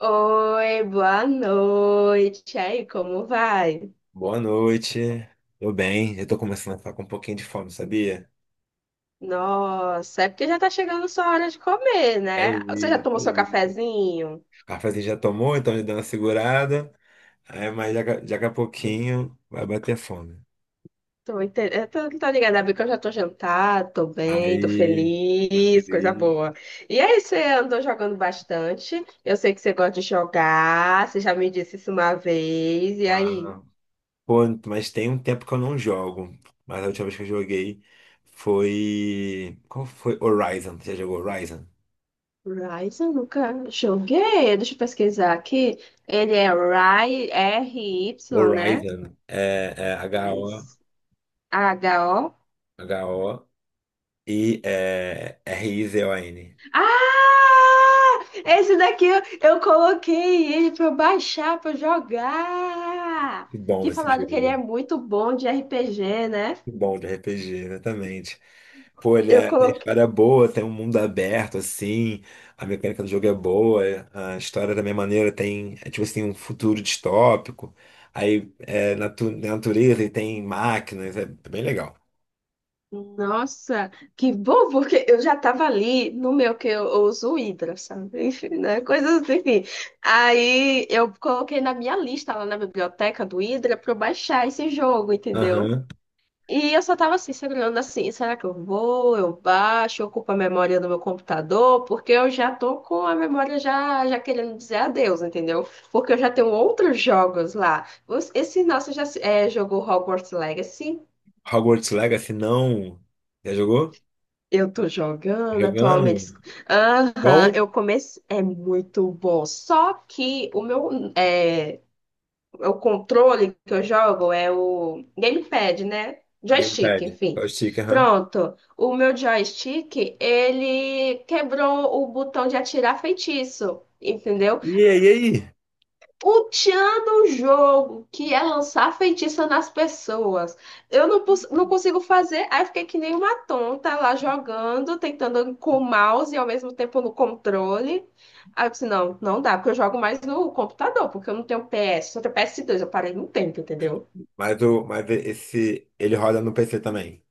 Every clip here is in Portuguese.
Oi, boa noite. E aí, como vai? Boa noite. Tô bem, eu tô começando a ficar com um pouquinho de fome, sabia? Nossa, é porque já tá chegando sua hora de comer, É né? Você já isso, é tomou seu isso. cafezinho? O cafezinho já tomou, então já deu uma segurada. Aí, mas já daqui a pouquinho vai bater fome. Eu tô ligada, é porque eu já tô jantada, tô bem, tô Aí, tá feliz, coisa feliz. boa. E aí, você andou jogando bastante? Eu sei que você gosta de jogar, você já me disse isso uma vez. E aí? Ah, pô, mas tem um tempo que eu não jogo. Mas a última vez que eu joguei foi. Qual foi? Horizon. Você já jogou Horizon? Rise, eu nunca joguei. Deixa eu pesquisar aqui. Ele é RY, né? Horizon é H-O, Rise. H-O. H-O e é, R-I-Z-O-N. Ah! Esse daqui eu coloquei ele pra eu baixar, pra eu jogar. Que bom Que esse falaram que ele é jogo. muito bom de RPG, né? Bom de RPG, exatamente. Pô, ele Eu é, tem coloquei. história boa, tem um mundo aberto, assim, a mecânica do jogo é boa, a história da minha maneira tem, é, tipo assim, um futuro distópico, aí é na natureza e tem máquinas, é bem legal. Nossa, que bom, porque eu já tava ali no meu que eu uso o Hydra, sabe? Enfim, né? Coisas assim. Aí eu coloquei na minha lista lá na biblioteca do Hydra pra eu baixar esse jogo, entendeu? Aham. E eu só tava assim, segurando assim, será que eu vou, eu baixo, eu ocupo a memória do meu computador, porque eu já tô com a memória já querendo dizer adeus, entendeu? Porque eu já tenho outros jogos lá. Esse nosso já se- é, jogou Hogwarts Legacy, Hogwarts Legacy, não. Já jogou? eu tô jogando Jogando? atualmente. Aham, Bom? eu comecei, é muito bom. Só que o meu, é, o controle que eu jogo é o gamepad, né? Joystick, Gamepad. Só enfim. o stick, aham. Pronto. O meu joystick, ele quebrou o botão de atirar feitiço, entendeu? E aí, e aí? Ultiando o jogo, que é lançar feitiça nas pessoas. Eu não, não consigo fazer, aí eu fiquei que nem uma tonta lá jogando, tentando com o mouse e ao mesmo tempo no controle. Aí eu disse, não, não dá, porque eu jogo mais no computador, porque eu não tenho PS, só tenho PS2. Eu parei no tempo, entendeu? Mas, mas esse, ele roda no PC também.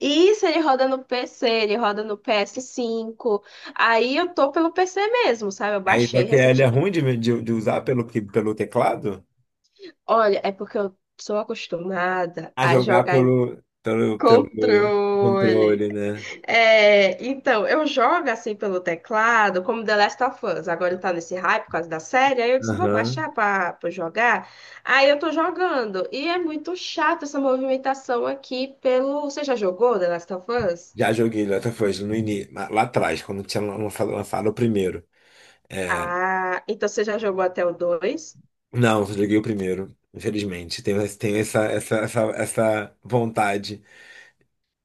Isso, ele roda no PC, ele roda no PS5. Aí eu tô pelo PC mesmo, sabe? Eu Aí só baixei que ele é recentemente. ruim de usar pelo, pelo teclado Olha, é porque eu sou acostumada a a jogar jogar. pelo Controle. controle, né? É, então, eu jogo assim pelo teclado, como The Last of Us. Agora tá nesse hype por causa da série. Aí eu disse, vou Aham. baixar pra jogar. Aí eu tô jogando. E é muito chato essa movimentação aqui pelo. Você já jogou The Last of Us? Já joguei LaToFoz no início, lá atrás, quando tinha lançado o primeiro. Ah, então você já jogou até o dois? Não, só joguei o primeiro, infelizmente. Tenho, tenho essa vontade,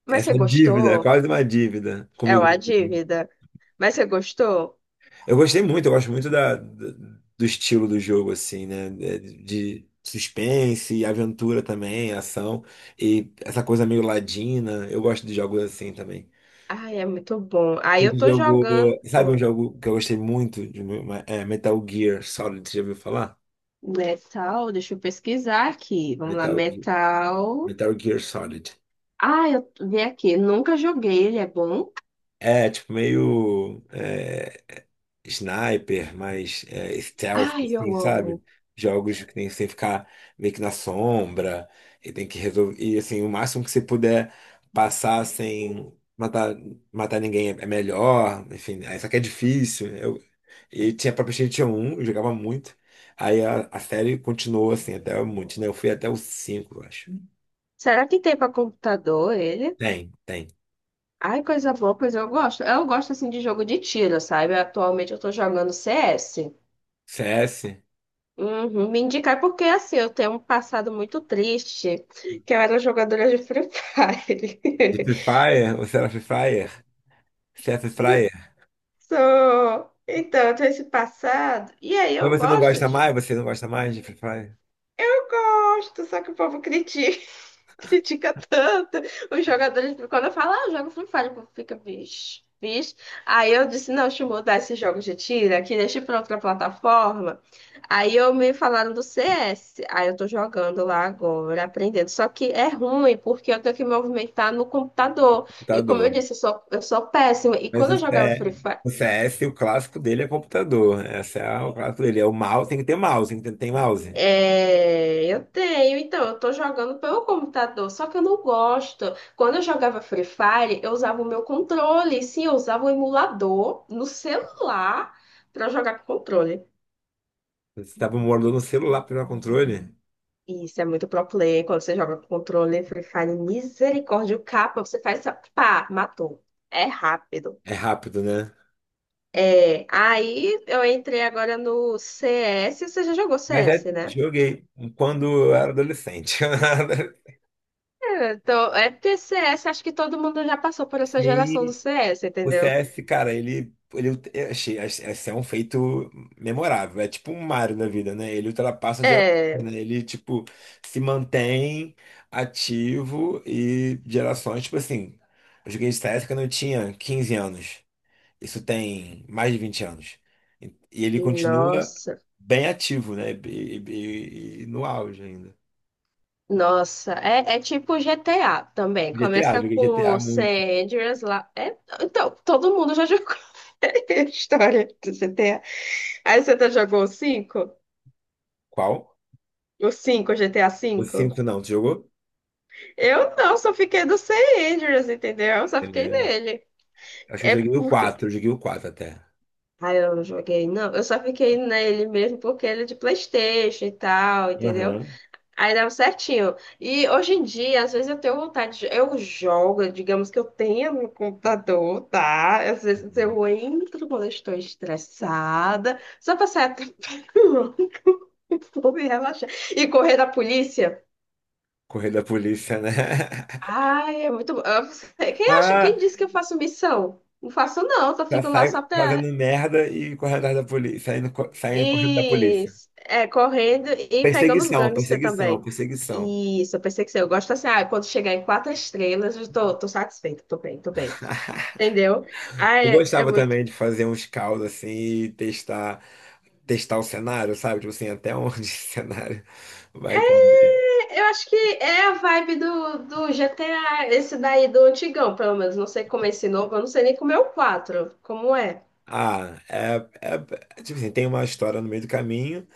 Mas essa você dívida, gostou? quase uma dívida É uma comigo. dívida. Mas você gostou? Eu gostei muito, eu gosto muito da, do estilo do jogo, assim, né? De suspense, aventura também, ação, e essa coisa meio ladina. Eu gosto de jogos assim também. Ai, é muito bom. Aí eu Esse tô jogo, jogando. sabe um jogo que eu gostei muito? De, é Metal Gear Solid, você já ouviu falar? Metal, deixa eu pesquisar aqui. Vamos lá, Metal, metal. Metal Gear Solid. Ah, eu vi aqui. Nunca joguei, ele é bom. É, tipo, meio. É, sniper, mais é, stealth, Ai, assim, eu sabe? amo. Jogos que tem que você ficar meio que na sombra e tem que resolver. E assim, o máximo que você puder passar sem matar, matar ninguém é melhor. Enfim, aí só que é difícil. Né? Eu, e tinha pra PlayStation 1, eu jogava muito. Aí a série continuou assim, até muito, né? Eu fui até o 5 eu acho. Será que tem para computador ele? Tem, tem. Ai, coisa boa, pois eu gosto. Eu gosto assim de jogo de tiro, sabe? Atualmente eu tô jogando CS. CS? Uhum, me indicar porque assim, eu tenho um passado muito triste, que eu era jogadora de Free Fire. De Free Fire? Você era Free Fire? CS Free Fire? Sou. Então, eu tenho esse passado. E aí Mas eu você não gosto gosta de. mais? Você não gosta mais de Free Fire? Eu gosto, só que o povo critica. Critica tanto. Os jogadores, quando eu falo, ah, eu jogo Free Fire, o povo fica, bicho, bicho. Aí eu disse, não, deixa eu mudar esse jogo de tira, que deixa pra outra plataforma. Aí eu me falaram do CS. Aí eu tô jogando lá agora, aprendendo. Só que é ruim, porque eu tenho que me movimentar no computador. E como eu Computador. disse, eu sou péssima. E Mas quando o eu jogava CS, Free Fire, o C CS, o clássico dele é computador. Né? Esse é o clássico dele. É o mouse, tem que ter mouse, tem que ter mouse. é, eu tenho, então, eu tô jogando pelo computador, só que eu não gosto. Quando eu jogava Free Fire, eu usava o meu controle, sim, eu usava o emulador no celular pra jogar com controle. Você tava morando no celular para pegar controle? Isso é muito pro play, quando você joga com controle, Free Fire, misericórdia, o capa, você faz essa, pá, matou. É rápido. É rápido, né? É, aí eu entrei agora no CS, você já jogou Mas é, CS, né? joguei quando eu era adolescente. É, então, é porque CS, acho que todo mundo já passou por essa geração do Sim. CS, O entendeu? CS, cara, ele eu achei, esse é um feito memorável. É tipo um Mario na vida, né? Ele ultrapassa a geração, É, né? Ele, tipo, se mantém ativo e gerações, tipo assim, eu joguei CS quando eu tinha 15 anos. Isso tem mais de 20 anos. E ele continua nossa, bem ativo, né? E, e no auge ainda. nossa, é tipo GTA também. GTA, Começa joguei com GTA o San muito. Andreas lá. É, então, todo mundo já jogou a história do GTA. Aí você tá jogou o 5, Qual? o 5, GTA O cinco. 5 não, tu jogou? Eu não, só fiquei do San Andreas, entendeu? Eu só fiquei Ele- nele. Acho que eu É joguei o porque. 4 até. Ah, eu não joguei, não. Eu só fiquei nele mesmo porque ele é de PlayStation e tal, entendeu? Aham. Aí dava certinho. E hoje em dia, às vezes eu tenho vontade de... Eu jogo, digamos que eu tenha no computador, tá? Às vezes Uhum. eu entro quando eu estou estressada, só pra sair até vou me relaxar. E correr da polícia. Correr da polícia, né? Ai, é muito bom. Eu- Quem acha, quem Ah, disse que eu faço missão? Não faço não, só já fico lá só sai pra. fazendo merda e correndo atrás da polícia, saindo, saindo correndo da E polícia. Correndo e pegando os Perseguição, gangsters perseguição, também. perseguição. Isso, eu pensei que sim. Eu gosto assim, ah, quando chegar em quatro estrelas, eu tô, tô satisfeita, tô bem, tô bem. Entendeu? Ah, Eu é, é gostava muito. também de fazer uns calls assim e testar, testar o cenário, sabe? Tipo assim, até onde esse cenário vai caber. É, eu acho que é a vibe do, do GTA, esse daí do antigão, pelo menos. Não sei como é esse novo, eu não sei nem como é o quatro como é. Ah, é, tipo assim, tem uma história no meio do caminho.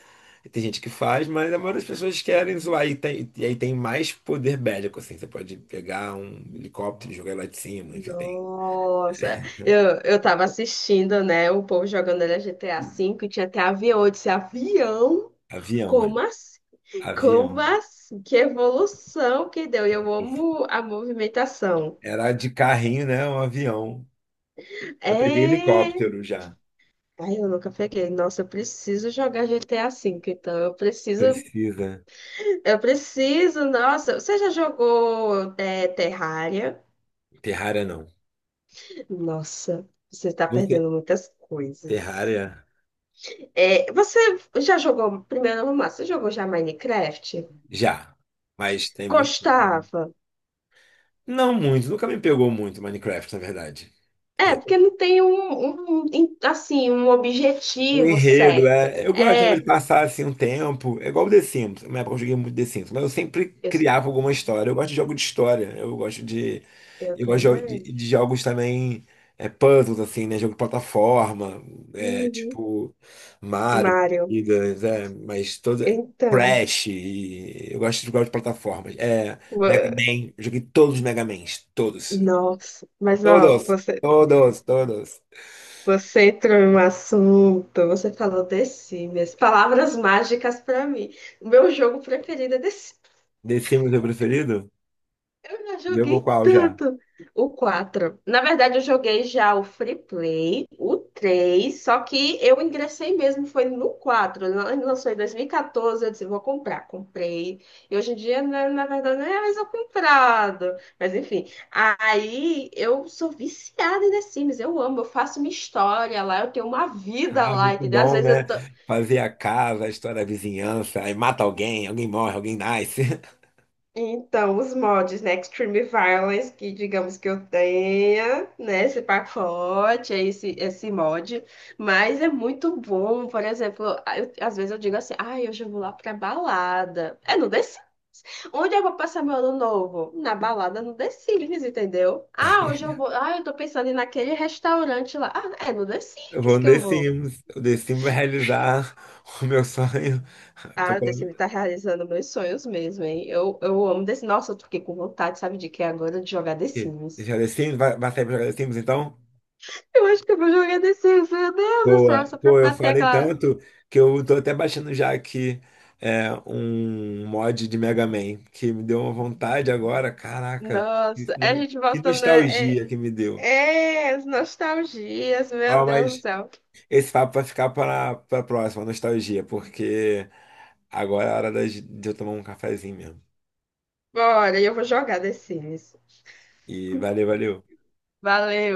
Tem gente que faz, mas a maioria das pessoas querem zoar. E, tem, e aí tem mais poder bélico, assim. Você pode pegar um helicóptero e jogar lá de cima, enfim, tem. Nossa, eu tava assistindo, né, o povo jogando ele GTA V e tinha até avião. Eu disse, avião? Avião, mano. Como assim? Avião. Como assim? Que evolução que deu! E eu amo a movimentação. Era de carrinho, né? Um avião. Eu peguei É. helicóptero já. Ai, eu nunca peguei. Nossa, eu preciso jogar GTA V, então eu preciso. Precisa. Eu preciso, nossa. Você já jogou é, Terraria? Terraria não. Nossa, você está Você. perdendo muitas coisas. Terraria É, você já jogou, primeiro vamos lá, você jogou já Minecraft? já. Mas tem muito tempo. Gostava? Não muito. Nunca me pegou muito Minecraft, na verdade. É, porque não tem assim, um O objetivo enredo, certo. é. Eu gostava de É. passar assim um tempo. É igual o The Sims. Na época eu joguei muito The Sims, mas eu sempre Eu, criava alguma história. Eu gosto de jogo de história. Eu gosto de. eu Eu gosto também. De jogos também. É, puzzles, assim, né? Jogo de plataforma. É, Uhum. tipo. Mario, Mário, Gigas, é, mas toda. então, Crash. E eu gosto de jogar de plataformas. É, Mega ua- Man. Eu joguei todos os Mega Mans. Todos. nossa, mas ó, Todos. você, Todos. você entrou em um assunto, você falou The Sims, palavras mágicas pra mim. O meu jogo preferido é The Sims. The Sims é o preferido? Eu já Jogou joguei qual já? tanto o quatro. Na verdade, eu joguei já o Free Play, o três, só que eu ingressei mesmo, foi no quatro. Ele lançou em 2014, eu disse, vou comprar. Comprei. E hoje em dia, né, na verdade, não é mais eu comprado. Mas enfim, aí eu sou viciada em The Sims, eu amo, eu faço minha história lá, eu tenho uma vida Ah, lá, muito entendeu? Às bom, vezes né? eu tô, Fazer a casa, a história da vizinhança, aí mata alguém, alguém morre, alguém nasce. então, os mods, né? Extreme Violence, que digamos que eu tenha, né? Esse pacote, é esse mod. Mas é muito bom, por exemplo, às vezes eu digo assim, ai, hoje eu vou lá pra balada. É no The Sims. Onde eu vou passar meu ano novo? Na balada no The Sims, entendeu? Ah, hoje eu vou. Ah, eu tô pensando em ir naquele restaurante lá. Ah, é no The Eu Sims vou no que The eu vou. Sims. O The Sims vai realizar o meu sonho. Ah, Tô o The falando Sims tá o realizando meus sonhos mesmo, hein? Eu amo The Sims. Nossa, eu fiquei com vontade, sabe de quê agora? De jogar The quê? Sims. Deixar The Sims? Vai, vai sair pra jogar The Sims, então? Eu acho que eu vou jogar desse, meu Deus do Boa. céu, só pra Pô, eu bater falei aquela. tanto que eu tô até baixando já aqui é, um mod de Mega Man, que me deu uma vontade agora. Caraca, que, Nossa, é a gente que voltando. É, nostalgia que me deu. é, as nostalgias, meu Ó, Deus do mas céu. esse papo vai ficar para a próxima, nostalgia, porque agora é a hora da de eu tomar um cafezinho mesmo. Bora, eu vou jogar The Sims. E valeu, valeu. Valeu.